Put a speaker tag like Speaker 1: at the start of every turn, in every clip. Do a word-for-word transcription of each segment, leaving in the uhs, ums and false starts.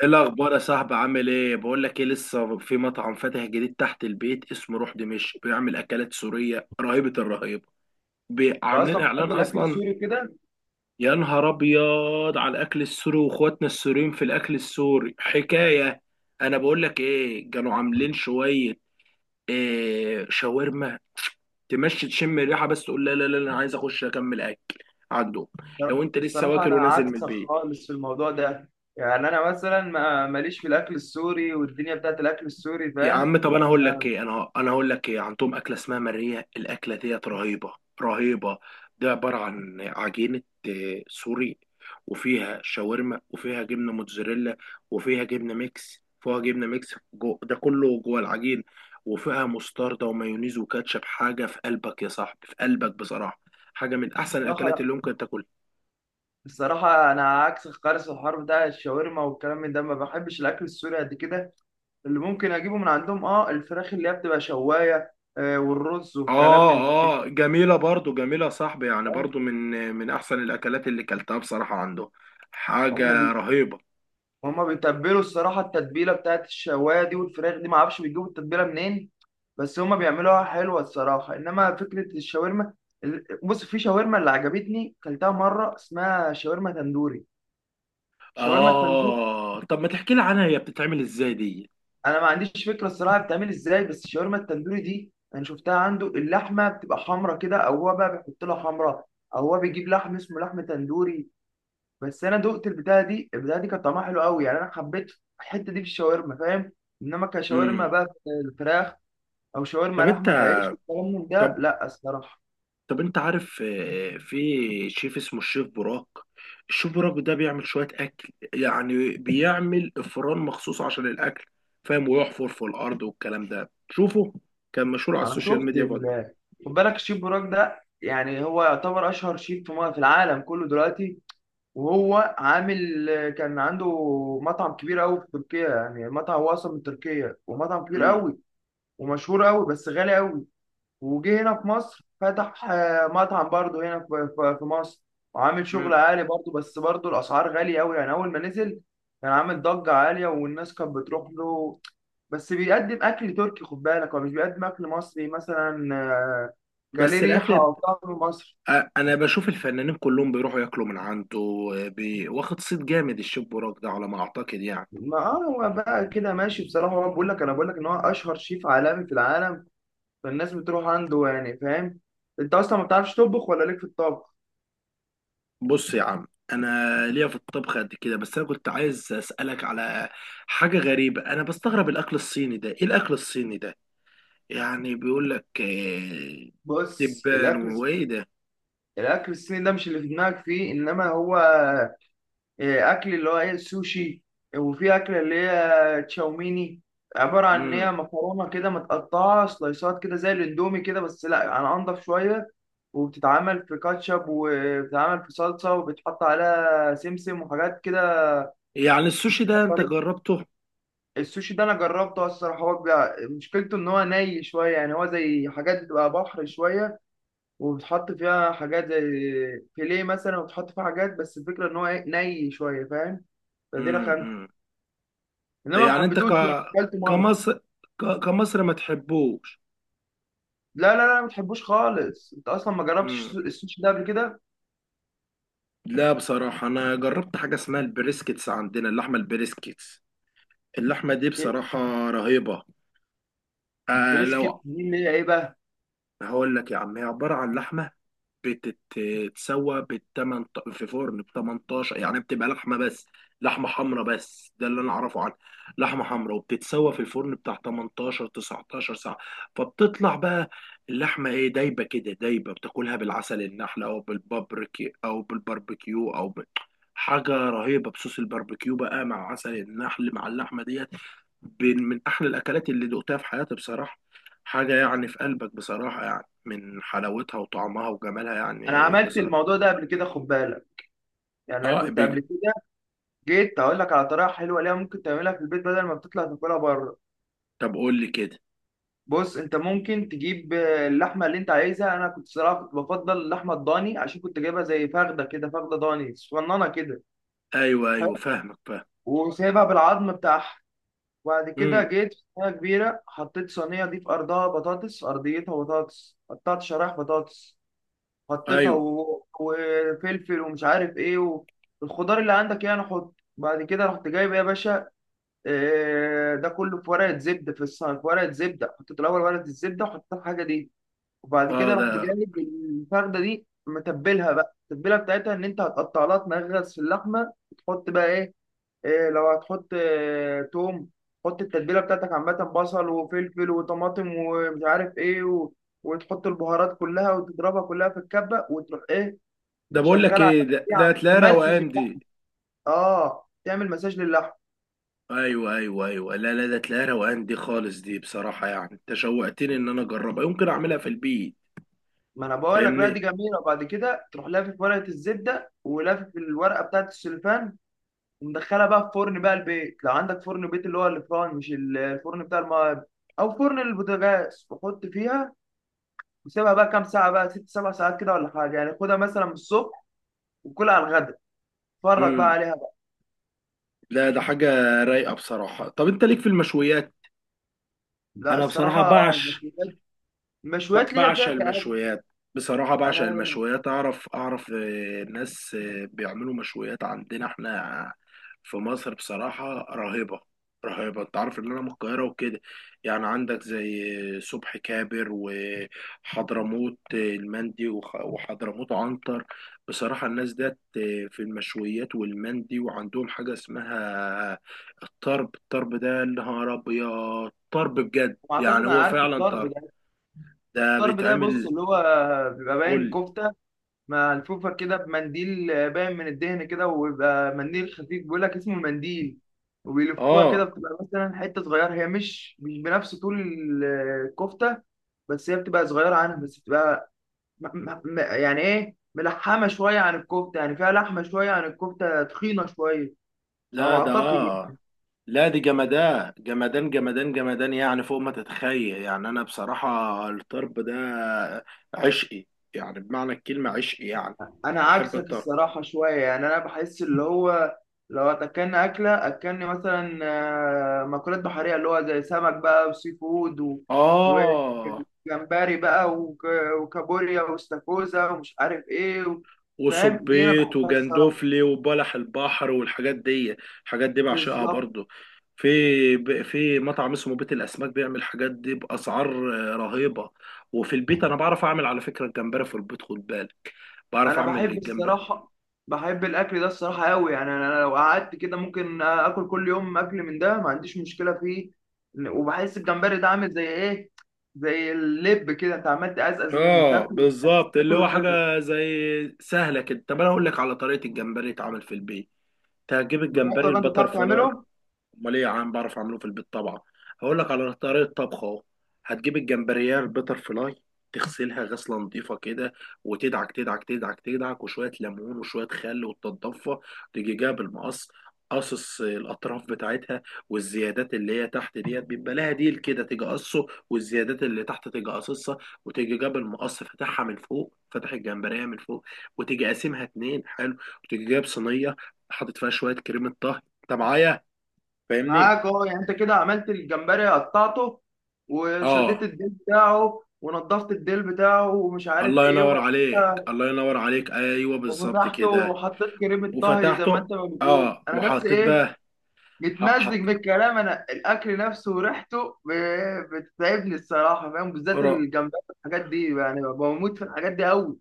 Speaker 1: ايه الاخبار يا صاحبي؟ عامل ايه؟ بقول لك ايه، لسه في مطعم فاتح جديد تحت البيت اسمه روح دمشق، بيعمل اكلات سوريه رهيبه الرهيبه. بي-
Speaker 2: انت
Speaker 1: عاملين
Speaker 2: اصلا
Speaker 1: اعلان
Speaker 2: بتحب الاكل
Speaker 1: اصلا.
Speaker 2: السوري كده؟
Speaker 1: يا نهار ابيض على الاكل السوري، واخواتنا السوريين في الاكل السوري حكايه. انا بقول لك ايه، كانوا عاملين شويه إيه، شاورما. تمشي تشم الريحه، بس تقول لا لا لا، انا عايز اخش اكمل اكل عندهم لو انت لسه
Speaker 2: الصراحه،
Speaker 1: واكل
Speaker 2: انا
Speaker 1: ونازل من
Speaker 2: عكسك
Speaker 1: البيت.
Speaker 2: خالص في الموضوع ده. يعني انا مثلا ما ماليش في الاكل السوري والدنيا بتاعت الاكل السوري،
Speaker 1: يا
Speaker 2: فاهم؟
Speaker 1: عم، طب انا هقول لك
Speaker 2: ما-
Speaker 1: ايه، انا انا هقول لك ايه، عندهم اكله اسمها ماريه، الاكله ديت رهيبه رهيبه. دي عباره عن عجينه، آه، سوري، وفيها شاورما وفيها جبنه موتزاريلا وفيها جبنه ميكس، فيها جبنه ميكس جو، ده كله جوه العجين. وفيها مستردة ومايونيز وكاتشب، حاجه في قلبك يا صاحبي، في قلبك بصراحه. حاجه من احسن
Speaker 2: الصراحه،
Speaker 1: الاكلات
Speaker 2: لا.
Speaker 1: اللي ممكن تاكلها.
Speaker 2: الصراحه، انا عكسك خالص في الحوار بتاع الشاورما والكلام من ده، ما بحبش الاكل السوري قد كده. اللي ممكن اجيبه من عندهم اه الفراخ اللي هي بتبقى شوايه، آه، والرز والكلام
Speaker 1: اه.
Speaker 2: من ده،
Speaker 1: اه جميلة برضو، جميلة يا صاحبي يعني،
Speaker 2: فاهم؟
Speaker 1: برضو من من احسن الاكلات اللي كلتها بصراحة عنده.
Speaker 2: هم.
Speaker 1: حاجة رهيبة.
Speaker 2: وهما بيتبلوا الصراحة التتبيلة بتاعت الشواية دي والفراخ دي، معرفش بيجيبوا التتبيلة منين. بس هما بيعملوها حلوة الصراحة، إنما فكرة الشاورما، ال- بص، في شاورما اللي عجبتني كلتها مرة اسمها شاورما تندوري. الشاورما التندوري.
Speaker 1: اه، طب ما تحكي لي عنها، هي بتتعمل ازاي دي؟
Speaker 2: أنا ما عنديش فكرة الصراحة بتعمل إزاي، بس الشاورما التندوري دي أنا شفتها عنده اللحمة بتبقى حمرا كده، أو هو بقى بيحط لها حمرا. أو هو بيجيب لحم اسمه لحم تندوري. بس انا دقت البتاعه دي البتاعه دي كانت طعمها حلو قوي، يعني انا حبيت الحته دي في الشاورما، فاهم؟ انما كشاورما
Speaker 1: امم.
Speaker 2: بقى في الفراخ، او شاورما
Speaker 1: طب انت،
Speaker 2: لحمه في عيش والكلام من ده،
Speaker 1: طب
Speaker 2: لا الصراحه.
Speaker 1: طب انت عارف آه، في شيف اسمه الشيف براك؟ الشيف براك ده بيعمل شوية اكل، يعني بيعمل افران مخصوص عشان الاكل، فاهم؟ ويحفر في الارض والكلام ده، شوفه. كان مشهور على
Speaker 2: انا
Speaker 1: السوشيال
Speaker 2: شفت
Speaker 1: ميديا برضه.
Speaker 2: ال... خد بالك، الشيف براك ده يعني هو يعتبر اشهر شيف في م- في العالم كله دلوقتي. وهو عامل. كان عنده مطعم كبير قوي في تركيا، يعني مطعم هو اصلا من تركيا، ومطعم كبير
Speaker 1: امم.
Speaker 2: قوي. ومشهور قوي، بس غالي قوي. وجه هنا في مصر، فتح آه، مطعم برضه هنا في في- في مصر. وعامل شغل
Speaker 1: امم.
Speaker 2: عالي برضه، بس برضه الأسعار غالية أوي، يعني أول ما نزل كان عامل ضجة عالية، والناس كانت بتروح له. بس بيقدم أكل تركي، خد بالك، هو مش بيقدم أكل مصري مثلا، آه، كان ليه
Speaker 1: بس
Speaker 2: ريحة
Speaker 1: الاكل،
Speaker 2: أو طعم مصري.
Speaker 1: أ- انا بشوف الفنانين كلهم بيروحوا ياكلوا من عنده. بي... واخد صيت جامد الشيف بوراك ده، على ما اعتقد يعني.
Speaker 2: ما آه، هو بقى كده ماشي بصراحة، هو بقول لك، أنا بقول لك إن هو أشهر شيف عالمي في العالم. فالناس بتروح عنده يعني، فاهم؟ أنت أصلا ما بتعرفش تطبخ ولا ليك في الطبخ؟
Speaker 1: بص يا عم، انا ليا في الطبخ قد كده، بس انا كنت عايز اسالك على حاجه غريبه. انا بستغرب الاكل الصيني ده، ايه الاكل الصيني ده؟ يعني بيقول لك آه،
Speaker 2: بص،
Speaker 1: دبان
Speaker 2: الأكل
Speaker 1: وايه ده؟
Speaker 2: الاكل الصيني ده مش اللي في دماغك فيه، انما هو آه، اكل اللي هو ايه السوشي. وفي اكله اللي هي تشاوميني، عباره عن ان
Speaker 1: امم.
Speaker 2: هي مكرونه كده متقطعه سلايسات كده زي الاندومي كده، بس لا يعني انضف شويه. وبتتعمل في كاتشب، وبتتعمل في صلصه، وبتحط عليها سمسم وحاجات كده.
Speaker 1: يعني السوشي ده انت
Speaker 2: طريق
Speaker 1: جربته؟
Speaker 2: السوشي ده انا جربته الصراحه، هو بيبقى- مشكلته ان هو ني شويه، يعني هو زي حاجات بتبقى بحر شويه، وبتحط فيها حاجات زي فيليه مثلا، وبتحط فيها حاجات، بس الفكره ان هو إيه، ني شويه، فاهم؟ فدي رخمت،
Speaker 1: امم.
Speaker 2: انما ما
Speaker 1: يعني انت
Speaker 2: حبيتوش،
Speaker 1: ك
Speaker 2: يعني اكلته مره.
Speaker 1: كمصر، ك... كمصر ما تحبوش؟
Speaker 2: لا لا لا، ما تحبوش خالص. انت اصلا ما جربتش السو- السوشي ده قبل كده؟
Speaker 1: لا بصراحة، أنا جربت حاجة اسمها البريسكيتس عندنا، اللحمة البريسكيتس. اللحمة دي
Speaker 2: إيه،
Speaker 1: بصراحة رهيبة. آه لو
Speaker 2: البريسكت دي اللي هي ايه بقى؟
Speaker 1: هقول لك يا عم، هي عبارة عن لحمة بتتسوى بالتمن في فرن ب تمنتاشر، يعني بتبقى لحمه بس، لحمه حمراء، بس ده اللي انا اعرفه عنها. لحمه حمراء، وبتتسوى في الفرن بتاع تمنتاشر تسعة عشر ساعة ساعه، فبتطلع بقى اللحمه ايه، دايبه كده، دايبه. بتاكلها بالعسل النحل او بالبابريكي او بالباربيكيو او ب... حاجه رهيبه. بصوص الباربيكيو بقى مع عسل النحل مع اللحمه ديت، بين- من احلى الاكلات اللي دقتها في حياتي بصراحه. حاجه يعني في قلبك بصراحه، يعني من حلاوتها وطعمها وجمالها،
Speaker 2: انا
Speaker 1: يعني
Speaker 2: عملت
Speaker 1: بصراحة.
Speaker 2: الموضوع ده قبل كده، خد بالك. يعني انا
Speaker 1: اه، آه،
Speaker 2: كنت
Speaker 1: بيج...
Speaker 2: قبل كده جيت اقول لك على طريقه حلوه ليها، ممكن تعملها في البيت بدل ما بتطلع تاكلها بره.
Speaker 1: طب قول لي كده.
Speaker 2: بص، انت ممكن تجيب آه، اللحمه اللي انت عايزها. انا كنت صراحه كنت بفضل اللحمه الضاني، عشان كنت جايبها زي فخده كده، فخده ضاني صغننه كده.
Speaker 1: ايوه ايوه، فاهمك، فاهم.
Speaker 2: وسايبها بالعظم بتاعها. وبعد كده
Speaker 1: امم.
Speaker 2: جيت في صينية كبيرة، حطيت صينية دي في أرضها بطاطس، في أرضيتها بطاطس، قطعت شرايح بطاطس. حطيتها
Speaker 1: ايوه.
Speaker 2: و... وفلفل ومش عارف إيه و... الخضار اللي عندك يعني. حط بعد كده، رحت جايب يا باشا، آه، ده كله في ورقة زبدة. في الصينية، في ورقة زبدة، حطيت الأول ورقة الزبدة وحطيت الحاجة دي. وبعد
Speaker 1: اه،
Speaker 2: كده
Speaker 1: ده
Speaker 2: رحت جايب الفردة دي، متبلها بقى التتبيلة بتاعتها، إن أنت هتقطع لها تنغرس في اللحمة، وتحط بقى إيه. إيه لو هتحط آه، توم. حط التتبيله بتاعتك عامه، بصل وفلفل وطماطم ومش عارف ايه و... وتحط البهارات كلها وتضربها كلها في الكبه، وتروح ايه.
Speaker 1: ده بقول لك
Speaker 2: شغال على،
Speaker 1: ايه، ده ده
Speaker 2: يعمل
Speaker 1: تلاقي
Speaker 2: ممسج
Speaker 1: روقان
Speaker 2: اللحم،
Speaker 1: دي.
Speaker 2: اه تعمل مساج للحم.
Speaker 1: ايوه ايوه ايوه، لا لا، ده تلاقي روقان دي خالص دي، بصراحة يعني انت شوقتني ان انا اجربها، يمكن اعملها في البيت.
Speaker 2: ما انا بقول لك، لا دي
Speaker 1: فاهمني.
Speaker 2: جميله. وبعد كده تروح لافف ورقه الزبده، ولافف الورقه بتاعت السلوفان. ومدخلها بقى في فرن بقى البيت، لو عندك فرن بيت، اللي هو الفرن، مش الفرن بتاع الم... او فرن البوتاجاز، وحط فيها. وسيبها بقى كام ساعة بقى ست سبع ساعات كده ولا حاجة، يعني خدها مثلا من الصبح وكلها على الغدا. اتفرج بقى
Speaker 1: امم.
Speaker 2: عليها بقى.
Speaker 1: لا ده حاجة رايقة بصراحة. طب انت ليك في المشويات؟
Speaker 2: لا
Speaker 1: انا بصراحة
Speaker 2: الصراحة،
Speaker 1: بعش،
Speaker 2: المشويات المشويات
Speaker 1: ب-
Speaker 2: ليا فيها
Speaker 1: بعشق
Speaker 2: كآب.
Speaker 1: المشويات. بصراحة
Speaker 2: أنا
Speaker 1: بعشق
Speaker 2: لما-
Speaker 1: المشويات، أعرف أعرف آه، ناس آه، بيعملوا مشويات عندنا إحنا في مصر بصراحة رهيبة، رهيبة. أنت عارف إن أنا من القاهرة وكده. يعني عندك زي آه، صبحي كابر وحضرموت آه، المندي وخ- وحضرموت عنتر، بصراحة الناس ديت آه، في المشويات والمندي، وعندهم حاجة اسمها الطرب. الطرب ده يا نهار أبيض، طرب بجد،
Speaker 2: أعتقد
Speaker 1: يعني
Speaker 2: أنا
Speaker 1: هو
Speaker 2: عارف
Speaker 1: فعلا
Speaker 2: الطرب
Speaker 1: طرب.
Speaker 2: ده.
Speaker 1: ده
Speaker 2: الطرب ده، بص
Speaker 1: بيتعمل،
Speaker 2: اللي هو بيبقى باين
Speaker 1: قول.
Speaker 2: كفتة ملفوفة كده بمنديل. باين من الدهن كده، وبيبقى منديل خفيف بيقول لك اسمه المنديل. وبيلفوها كده
Speaker 1: اه.
Speaker 2: بتبقى مثلا حتة صغيرة، هي مش مش بنفس طول الكفتة. بس هي بتبقى صغيرة عنها، بس بتبقى م- م- م- يعني ايه ملحمه شويه عن الكفته، يعني فيها لحمه شويه عن الكفته، تخينه شويه على ما
Speaker 1: لا ده
Speaker 2: اعتقد
Speaker 1: آه.
Speaker 2: يعني.
Speaker 1: لا دي جمدان جمدان جمدان جمدان، يعني فوق ما تتخيل يعني. انا بصراحة الطرب ده عشقي، يعني بمعنى الكلمة عشقي يعني،
Speaker 2: انا
Speaker 1: بحب
Speaker 2: عكسك
Speaker 1: الطرب.
Speaker 2: الصراحه شويه، يعني انا بحس اللي هو، لو اكلنا اكله اكلني مثلا، آه، مأكولات بحريه، اللي هو زي سمك بقى وسي فود و...
Speaker 1: اه،
Speaker 2: وجمبري بقى وك... وكابوريا واستاكوزا ومش عارف ايه و... فاهم؟ دي انا
Speaker 1: وصبيت
Speaker 2: بحبها الصراحه،
Speaker 1: وجندوفلي وبلح البحر والحاجات دي. الحاجات دي بعشقها
Speaker 2: بالظبط.
Speaker 1: برضو. في ب- في مطعم اسمه بيت الاسماك بيعمل الحاجات دي باسعار آه، رهيبه. وفي البيت انا بعرف اعمل، على فكره الجمبري في البيت، خد بالك، بعرف
Speaker 2: انا
Speaker 1: اعمل
Speaker 2: بحب،
Speaker 1: الجمبري.
Speaker 2: الصراحه، بحب الاكل ده الصراحه قوي، يعني انا أنا لو قعدت كده ممكن اكل كل يوم، اكل من ده، ما عنديش مشكله فيه. وبحس الجمبري ده عامل زي ايه، زي اللب كده، انت عمال تقزقز منه
Speaker 1: اه
Speaker 2: تاكل
Speaker 1: بالظبط، اللي
Speaker 2: تاكل
Speaker 1: هو
Speaker 2: وتقزقز.
Speaker 1: حاجه زي سهله كده. طب انا اقول لك على طريقه الجمبري يتعمل في البيت. تجيب
Speaker 2: بجد
Speaker 1: الجمبري
Speaker 2: ولا انت
Speaker 1: البتر
Speaker 2: بتعرف
Speaker 1: فلاي.
Speaker 2: تعمله؟
Speaker 1: امال ايه يا عم، بعرف اعمله في البيت طبعا. هقول لك على طريقه طبخ اهو. هتجيب الجمبريه البتر فلاي، تغسلها غسله نظيفه كده، وتدعك تدعك تدعك تدعك، وشويه ليمون وشويه خل، وتتضفى. تيجي جايب المقص، قصص الاطراف بتاعتها، والزيادات اللي هي تحت ديت، بيبقى لها ديل كده، تيجي قصه، والزيادات اللي تحت تيجي قصصها. وتيجي جاب المقص، فاتحها من فوق، فاتح الجمبريه من فوق، وتيجي قاسمها اتنين، حلو. وتيجي جايب صينيه، حاطط فيها شويه كريمه طهي. انت معايا، فاهمني؟
Speaker 2: معاك، اه، يعني انت كده عملت الجمبري قطعته. وشديت
Speaker 1: اه،
Speaker 2: الديل بتاعه، ونضفت الديل بتاعه، ومش عارف
Speaker 1: الله
Speaker 2: ايه،
Speaker 1: ينور
Speaker 2: وبعد
Speaker 1: عليك،
Speaker 2: كده.
Speaker 1: الله ينور عليك، ايوه بالظبط
Speaker 2: وفتحته
Speaker 1: كده.
Speaker 2: وحطيت كريمه طهي، زي ما
Speaker 1: وفتحته،
Speaker 2: انت ما بتقول
Speaker 1: اه
Speaker 2: انا، بس
Speaker 1: وحطيت
Speaker 2: ايه،
Speaker 1: بقى، ح-
Speaker 2: بتمزج
Speaker 1: حط،
Speaker 2: بالكلام، انا الاكل نفسه وريحته ب- بتتعبني الصراحه، فاهم؟ بالذات
Speaker 1: قرا،
Speaker 2: الجمبري والحاجات دي، يعني بموت في الحاجات دي قوي.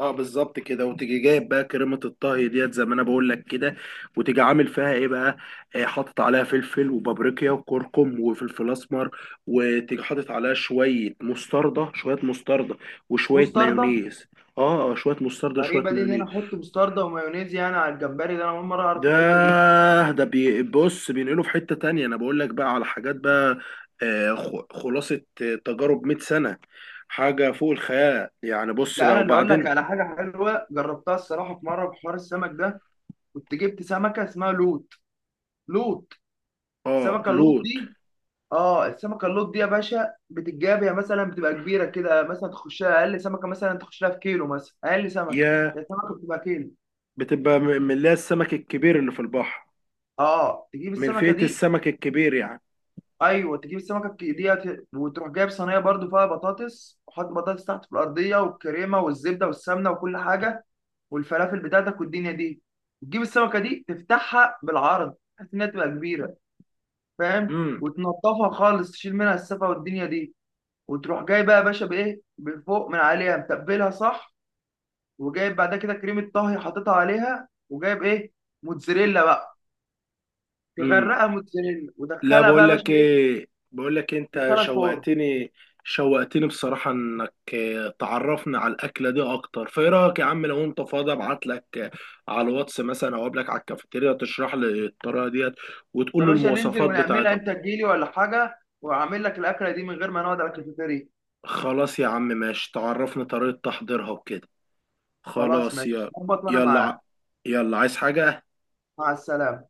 Speaker 1: اه بالظبط كده. وتيجي جايب بقى كريمه الطهي ديت، زي ما انا بقول لك كده، وتيجي عامل فيها ايه بقى، آه حاطط عليها فلفل وبابريكا وكركم وفلفل اسمر، وتيجي حاطط عليها شويه مستردة، شويه مستردة وشويه
Speaker 2: مستردة؟
Speaker 1: مايونيز. اه آه، شويه مستردة شويه
Speaker 2: غريبه دي، ان انا
Speaker 1: مايونيز.
Speaker 2: احط مستردة ومايونيز يعني على الجمبري ده، انا اول مره اعرف
Speaker 1: ده
Speaker 2: الحته دي.
Speaker 1: ده بي- بص، بينقله في حتة تانية، انا بقول لك بقى على حاجات بقى آه، خ- خلاصة آه، تجارب 100 سنة، حاجة فوق الخيال. يعني بص
Speaker 2: لا،
Speaker 1: بقى
Speaker 2: انا اللي اقول لك
Speaker 1: وبعدين.
Speaker 2: على حاجه حلوه جربتها الصراحه، في مره في حوار السمك ده. كنت جبت سمكه اسمها لوت. لوت.
Speaker 1: اه
Speaker 2: السمكه اللوت
Speaker 1: لوط.
Speaker 2: دي. اه السمكه اللوت دي يا باشا، بتتجاب يا مثلا بتبقى كبيره كده، مثلا تخشها اقل سمكه، مثلا تخش لها في كيلو، مثلا اقل سمكه.
Speaker 1: يا
Speaker 2: هي السمكه بتبقى كيلو.
Speaker 1: بتبقى م- من اللي هي السمك الكبير اللي في البحر،
Speaker 2: اه، تجيب
Speaker 1: من
Speaker 2: السمكه
Speaker 1: فئة
Speaker 2: دي،
Speaker 1: السمك الكبير يعني.
Speaker 2: ايوه، تجيب السمكه الك- ديت. وتروح جايب صينيه برضو فيها بطاطس، وحط بطاطس تحت في الارضيه، والكريمه والزبده والسمنه وكل حاجه. والفلافل بتاعتك والدنيا دي، وتجيب السمكه دي تفتحها بالعرض بحيث انها تبقى كبيره، فاهم؟
Speaker 1: امم.
Speaker 2: وتنضفها خالص، تشيل منها السفه والدنيا دي. وتروح جاي بقى يا باشا بايه بفوق من عليها، متبلها صح. وجايب بعد كده كريمه طهي حاططها عليها، وجايب ايه، موتزاريلا بقى،
Speaker 1: امم.
Speaker 2: تغرقها موتزاريلا،
Speaker 1: لا
Speaker 2: ودخلها بقى
Speaker 1: بقول
Speaker 2: يا باشا
Speaker 1: لك
Speaker 2: ايه،
Speaker 1: ايه، بقول لك إيه، انت
Speaker 2: تدخلها الفرن.
Speaker 1: شوقتني، شوقتني بصراحة انك آه، تعرفنا على الأكلة دي اكتر. فايه رأيك يا عم، لو انت فاضي ابعت لك آه، على الواتس مثلا، او قبلك على الكافيتيريا تشرح لي الطريقة ديت وتقول
Speaker 2: يا
Speaker 1: لي
Speaker 2: باشا، ننزل
Speaker 1: المواصفات
Speaker 2: ونعملها،
Speaker 1: بتاعتها.
Speaker 2: انت تجيلي ولا حاجه واعمل لك الاكله دي من غير ما نقعد على الكافيتيريا.
Speaker 1: خلاص يا عم، ماشي، تعرفني طريقة تحضيرها وكده.
Speaker 2: خلاص
Speaker 1: خلاص
Speaker 2: ماشي
Speaker 1: يا،
Speaker 2: ظبط، وانا
Speaker 1: يلا ع-
Speaker 2: معاك.
Speaker 1: يلا عايز حاجة؟
Speaker 2: مع السلامه.